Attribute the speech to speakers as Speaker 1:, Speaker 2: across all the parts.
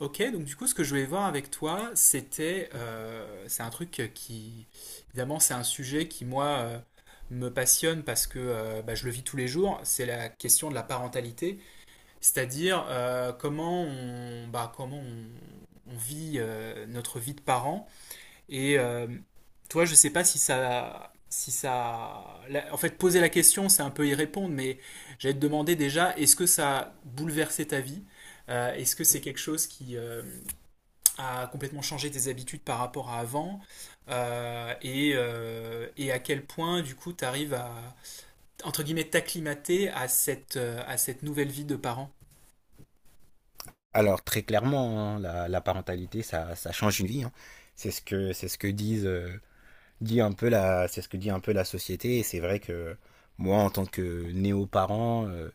Speaker 1: Ok, donc du coup, ce que je voulais voir avec toi, c'était, c'est un truc qui, évidemment, c'est un sujet qui, moi, me passionne parce que bah, je le vis tous les jours, c'est la question de la parentalité, c'est-à-dire comment on, bah, comment on vit notre vie de parent. Et toi, je sais pas si ça, si ça, en fait, poser la question, c'est un peu y répondre, mais j'allais te demander déjà, est-ce que ça a bouleversé ta vie? Est-ce que c'est quelque chose qui, à complètement changer tes habitudes par rapport à avant et à quel point du coup tu arrives à entre guillemets t'acclimater à cette nouvelle vie de parent.
Speaker 2: Alors très clairement, hein, la parentalité, ça change une vie, hein. C'est ce que disent dit un peu la c'est ce que dit un peu la société. Et c'est vrai que moi, en tant que néo-parent,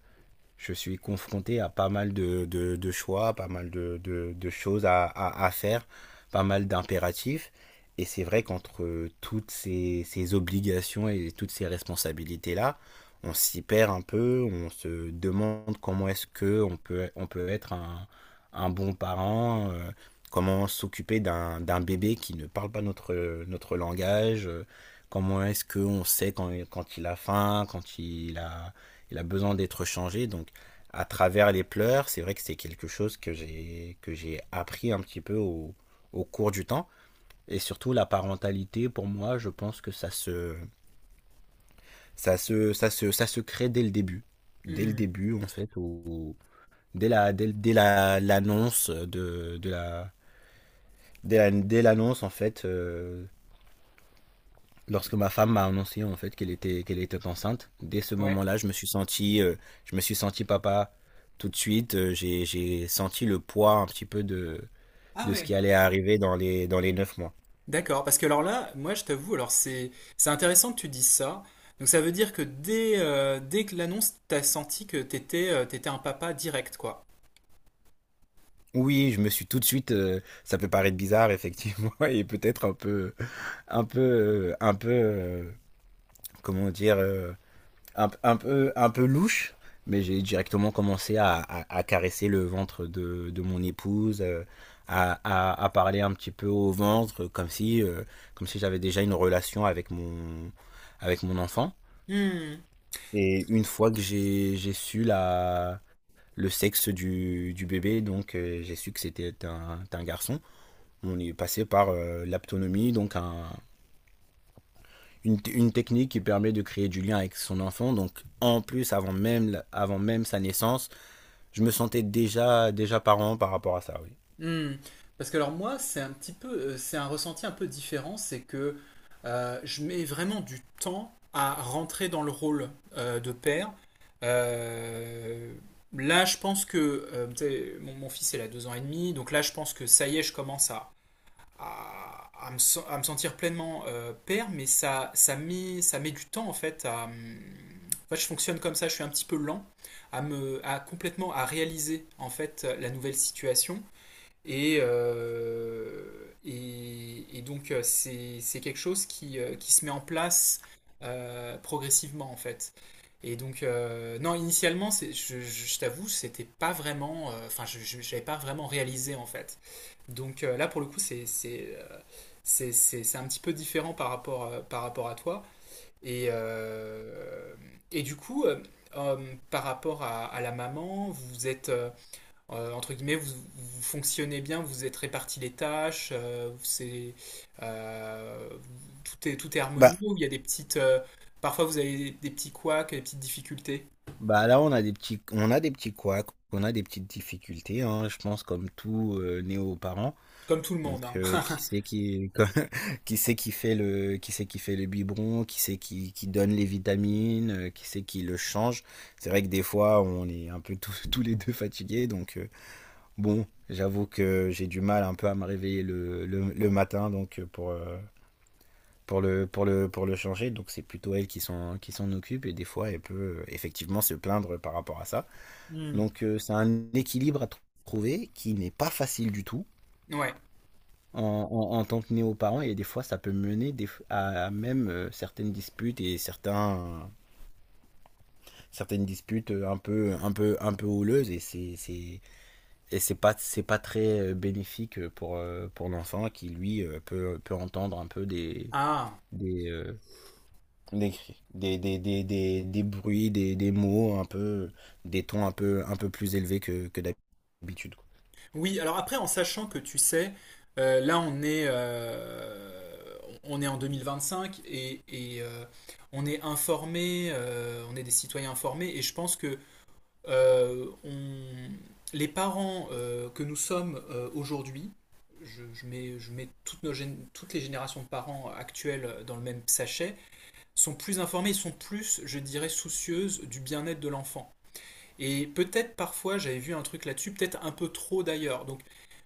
Speaker 2: je suis confronté à pas mal de choix, pas mal de choses à faire, pas mal d'impératifs. Et c'est vrai qu'entre toutes ces obligations et toutes ces responsabilités-là, on s'y perd un peu, on se demande comment est-ce que on peut être un bon parent, comment s'occuper d'un bébé qui ne parle pas notre langage, comment est-ce qu'on sait quand il a faim, quand il a besoin d'être changé. Donc à travers les pleurs, c'est vrai que c'est quelque chose que j'ai appris un petit peu au, au cours du temps. Et surtout la parentalité, pour moi, je pense que ça se crée dès le
Speaker 1: Hmm,
Speaker 2: début en fait, ou dès la dès, dès la l'annonce de la- dès l'annonce en fait. Lorsque ma femme m'a annoncé en fait qu'elle était enceinte, dès ce
Speaker 1: ouais.
Speaker 2: moment-là, je me suis senti papa tout de suite. J'ai senti le poids un petit peu
Speaker 1: Ah
Speaker 2: de ce
Speaker 1: ouais.
Speaker 2: qui allait arriver dans les 9 mois.
Speaker 1: D'accord, parce que alors là, moi je t'avoue, alors c'est intéressant que tu dises ça. Donc ça veut dire que dès que l'annonce, t'as senti que t'étais un papa direct, quoi.
Speaker 2: Oui, je me suis tout de suite. Ça peut paraître bizarre, effectivement, et peut-être un peu, un peu, un peu, comment dire, un peu louche. Mais j'ai directement commencé à caresser le ventre de mon épouse, à parler un petit peu au ventre, comme si j'avais déjà une relation avec avec mon enfant.
Speaker 1: Hmm.
Speaker 2: Et une fois que j'ai su le sexe du bébé, donc j'ai su que c'était un garçon. On est passé par l'aptonomie, donc une technique qui permet de créer du lien avec son enfant. Donc en plus, avant même sa naissance, je me sentais déjà parent par rapport à ça, oui.
Speaker 1: Hmm. Parce que alors moi, c'est un petit peu, c'est un ressenti un peu différent, c'est que je mets vraiment du temps à rentrer dans le rôle de père. Euh, Là, je pense que tu sais, mon fils, il a deux ans et demi, donc là, je pense que ça y est, je commence à me sentir pleinement père, mais ça met du temps en fait à. En fait, je fonctionne comme ça, je suis un petit peu lent à me, à complètement à réaliser en fait la nouvelle situation. Et, euh, et donc, euh, c'est quelque chose qui se met en place progressivement, en fait. Et donc, non, initialement, je t'avoue, c'était pas vraiment. Enfin, j'avais pas vraiment réalisé, en fait. Donc là, pour le coup, c'est un petit peu différent par rapport à toi. Et, euh, et du coup, euh, par rapport à la maman, vous êtes. Entre guillemets, vous fonctionnez bien, vous êtes répartis les tâches, c'est, euh, tout est harmonieux,
Speaker 2: Bah,
Speaker 1: ou il y a des petites, parfois vous avez des petits couacs, des petites difficultés,
Speaker 2: bah là, on a des petits couacs, on a des petites difficultés, hein, je pense, comme tout néo-parent.
Speaker 1: comme tout le monde,
Speaker 2: Donc
Speaker 1: hein.
Speaker 2: qui c'est qui qui c'est qui fait le biberon, qui c'est qui donne les vitamines, qui c'est qui le change. C'est vrai que des fois on est un peu tous, tous les deux fatigués donc bon, j'avoue que j'ai du mal un peu à me réveiller le matin donc pour le changer, donc c'est plutôt elle qui s'en occupe et des fois elle peut effectivement se plaindre par rapport à ça.
Speaker 1: Hmm.
Speaker 2: Donc c'est un équilibre à tr- trouver qui n'est pas facile du tout
Speaker 1: Ouais.
Speaker 2: en, en tant que néo-parent, et des fois ça peut mener à même certaines certaines disputes un peu houleuses et c'est pas très bénéfique pour l'enfant, qui lui peut entendre un peu
Speaker 1: Ah.
Speaker 2: des, euh, des cris, des bruits, des mots un peu, des tons un peu plus élevés que d'habitude, quoi.
Speaker 1: Oui, alors après, en sachant que tu sais, là on est en 2025 et on est informé, on est des citoyens informés et je pense que euh, on- les parents que nous sommes aujourd'hui, je mets toutes, toutes les générations de parents actuelles dans le même sachet, sont plus informés, sont plus, je dirais, soucieuses du bien-être de l'enfant. Et peut-être parfois j'avais vu un truc là-dessus, peut-être un peu trop d'ailleurs. Donc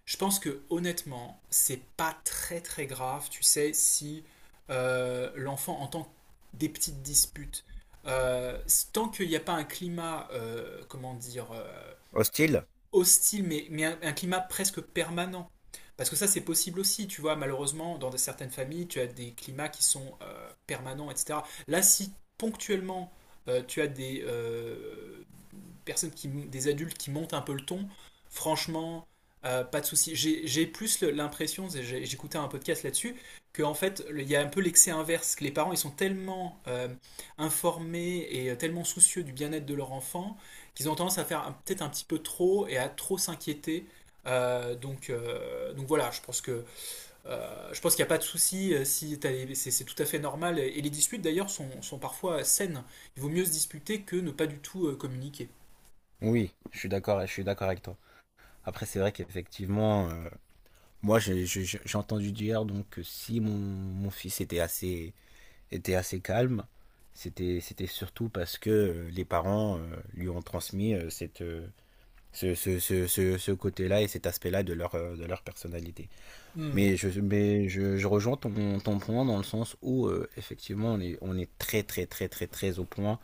Speaker 1: je pense que honnêtement, c'est pas très très grave, tu sais, si l'enfant entend des petites disputes. Euh, Tant qu'il n'y a pas un climat, comment dire,
Speaker 2: Hostile?
Speaker 1: hostile, mais un climat presque permanent. Parce que ça, c'est possible aussi, tu vois, malheureusement, dans certaines familles, tu as des climats qui sont permanents, etc. Là, si ponctuellement, tu as des, personnes qui, des adultes qui montent un peu le ton, franchement, pas de souci. J'ai plus l'impression, j'ai, j'écoutais un podcast là-dessus, qu'en fait, il y a un peu l'excès inverse, que les parents, ils sont tellement informés et tellement soucieux du bien-être de leur enfant, qu'ils ont tendance à faire un, peut-être un petit peu trop et à trop s'inquiéter. Donc donc voilà, je pense que je pense qu'il n'y a pas de souci. Si c'est tout à fait normal. Et les disputes d'ailleurs sont, sont, parfois saines. Il vaut mieux se disputer que ne pas du tout communiquer.
Speaker 2: Oui, je suis d'accord avec toi. Après, c'est vrai qu'effectivement, moi, j'ai entendu dire donc que si mon fils était assez calme, c'était surtout parce que les parents lui ont transmis cette, ce côté-là et cet aspect-là de leur personnalité.
Speaker 1: Hmm.
Speaker 2: Mais je rejoins ton point dans le sens où, effectivement, on est très, très au point.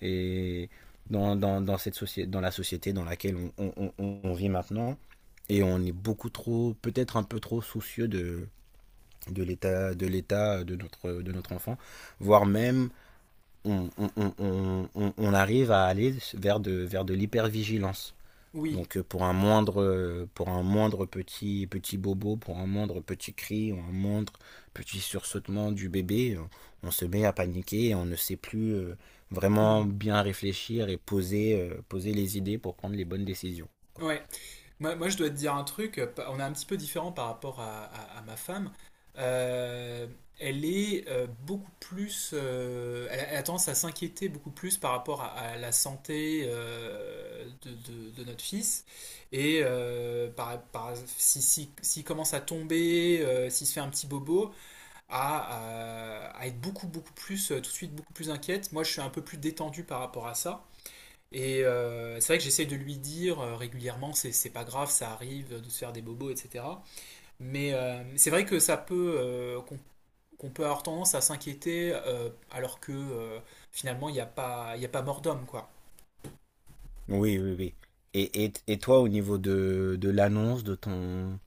Speaker 2: Et dans cette société, dans la société dans laquelle on on vit maintenant, et on est beaucoup trop, peut-être un peu trop soucieux de l'état de notre enfant, voire même on, on, on arrive à aller vers de l'hypervigilance,
Speaker 1: Oui.
Speaker 2: donc pour un moindre petit petit bobo, pour un moindre petit cri ou un moindre petit sursautement du bébé on se met à paniquer et on ne sait plus vraiment
Speaker 1: Mm.
Speaker 2: bien réfléchir et poser poser les idées pour prendre les bonnes décisions.
Speaker 1: Ouais. Moi, je dois te dire un truc. On est un petit peu différent par rapport à, à ma femme. Euh, Elle est beaucoup plus. Elle a tendance à s'inquiéter beaucoup plus par rapport à la santé de notre fils. Et si, s'il commence à tomber, s'il se fait un petit bobo, à être beaucoup, beaucoup plus, tout de suite beaucoup plus inquiète. Moi, je suis un peu plus détendu par rapport à ça. Et c'est vrai que j'essaie de lui dire régulièrement, c'est pas grave, ça arrive de se faire des bobos, etc. Mais c'est vrai que ça peut, euh, qu'on peut avoir tendance à s'inquiéter alors que finalement il n'y a pas, il y a pas mort d'homme, quoi.
Speaker 2: Oui. Et, et toi, au niveau de l'annonce de ton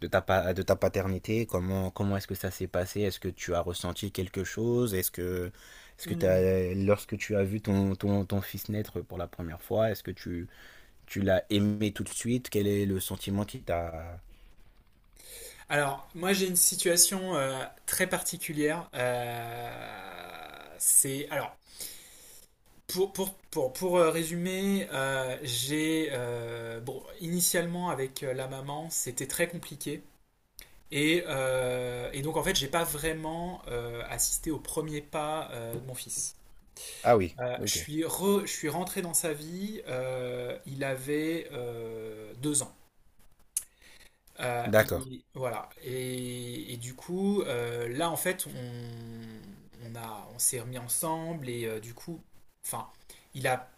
Speaker 2: de ta paternité, comment est-ce que ça s'est passé? Est-ce que tu as ressenti quelque chose?
Speaker 1: Hmm.
Speaker 2: Lorsque tu as vu ton fils naître pour la première fois, tu l'as aimé tout de suite? Quel est le sentiment qui t'a...
Speaker 1: Alors, moi j'ai une situation très particulière. C'est alors pour résumer, j'ai bon initialement avec la maman c'était très compliqué. Et donc en fait, j'ai pas vraiment assisté au premier pas de mon fils.
Speaker 2: Ah oui, ok.
Speaker 1: Je suis rentré dans sa vie. Il avait deux ans. Et
Speaker 2: D'accord.
Speaker 1: voilà. Et du coup, là en fait, on s'est remis ensemble et du coup, enfin, il a,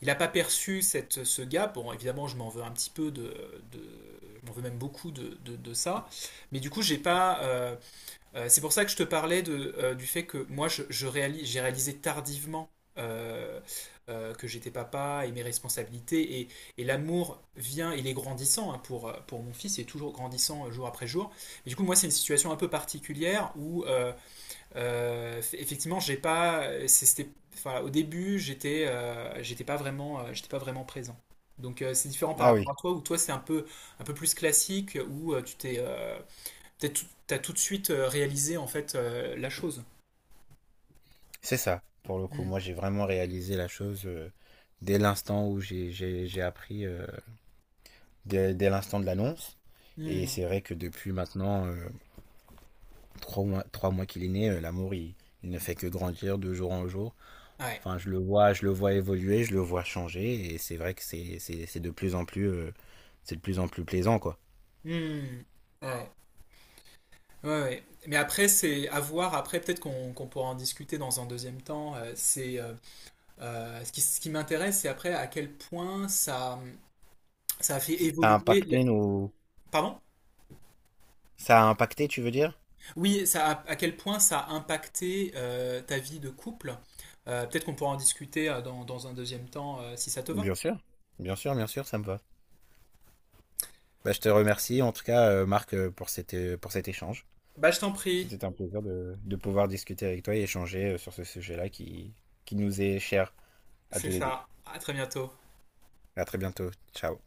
Speaker 1: il a pas perçu cette, ce gap. Bon, évidemment, je m'en veux un petit peu de, je m'en veux même beaucoup de ça. Mais du coup, j'ai pas, c'est pour ça que je te parlais de, du fait que moi, j'ai réalisé tardivement euh, que j'étais papa et mes responsabilités. Et l'amour vient, il est grandissant hein, pour mon fils, il est toujours grandissant jour après jour. Mais du coup, moi, c'est une situation un peu particulière où, effectivement, j'ai pas, enfin, au début, j'étais j'étais pas vraiment présent. Donc, c'est différent par
Speaker 2: Ah
Speaker 1: rapport
Speaker 2: oui,
Speaker 1: à toi, où toi, c'est un peu plus classique, où tu t'es, t'as tout, t'as tout de suite réalisé en fait la chose.
Speaker 2: c'est ça, pour le coup.
Speaker 1: Hmm.
Speaker 2: Moi, j'ai vraiment réalisé la chose dès l'instant où j'ai appris, dès l'instant de l'annonce. Et
Speaker 1: Hmm.
Speaker 2: c'est vrai que depuis maintenant, 3 mois, 3 mois qu'il est né, l'amour, il ne fait que grandir de jour en jour.
Speaker 1: Ouais.
Speaker 2: Enfin, je le vois évoluer, je le vois changer, et c'est vrai que c'est de plus en plus, c'est de plus en plus plaisant, quoi.
Speaker 1: Hmm. Ouais. Ouais, ouais. Mais après, c'est à voir. Après, peut-être qu'on pourra en discuter dans un deuxième temps. C'est ce qui m'intéresse, c'est après à quel point ça a fait
Speaker 2: Ça a
Speaker 1: évoluer.
Speaker 2: impacté nos,
Speaker 1: Pardon?
Speaker 2: ça a impacté, tu veux dire?
Speaker 1: Oui, ça a- à quel point ça a impacté ta vie de couple. Peut-être qu'on pourra en discuter dans, dans un deuxième temps si ça te va.
Speaker 2: Bien sûr, bien sûr, ça me va. Bah, je te remercie, en tout cas, Marc, pour cet échange.
Speaker 1: Bah, je t'en prie.
Speaker 2: C'était un plaisir de pouvoir discuter avec toi et échanger sur ce sujet-là qui nous est cher à
Speaker 1: C'est
Speaker 2: tous les deux.
Speaker 1: ça. À très bientôt.
Speaker 2: À très bientôt. Ciao.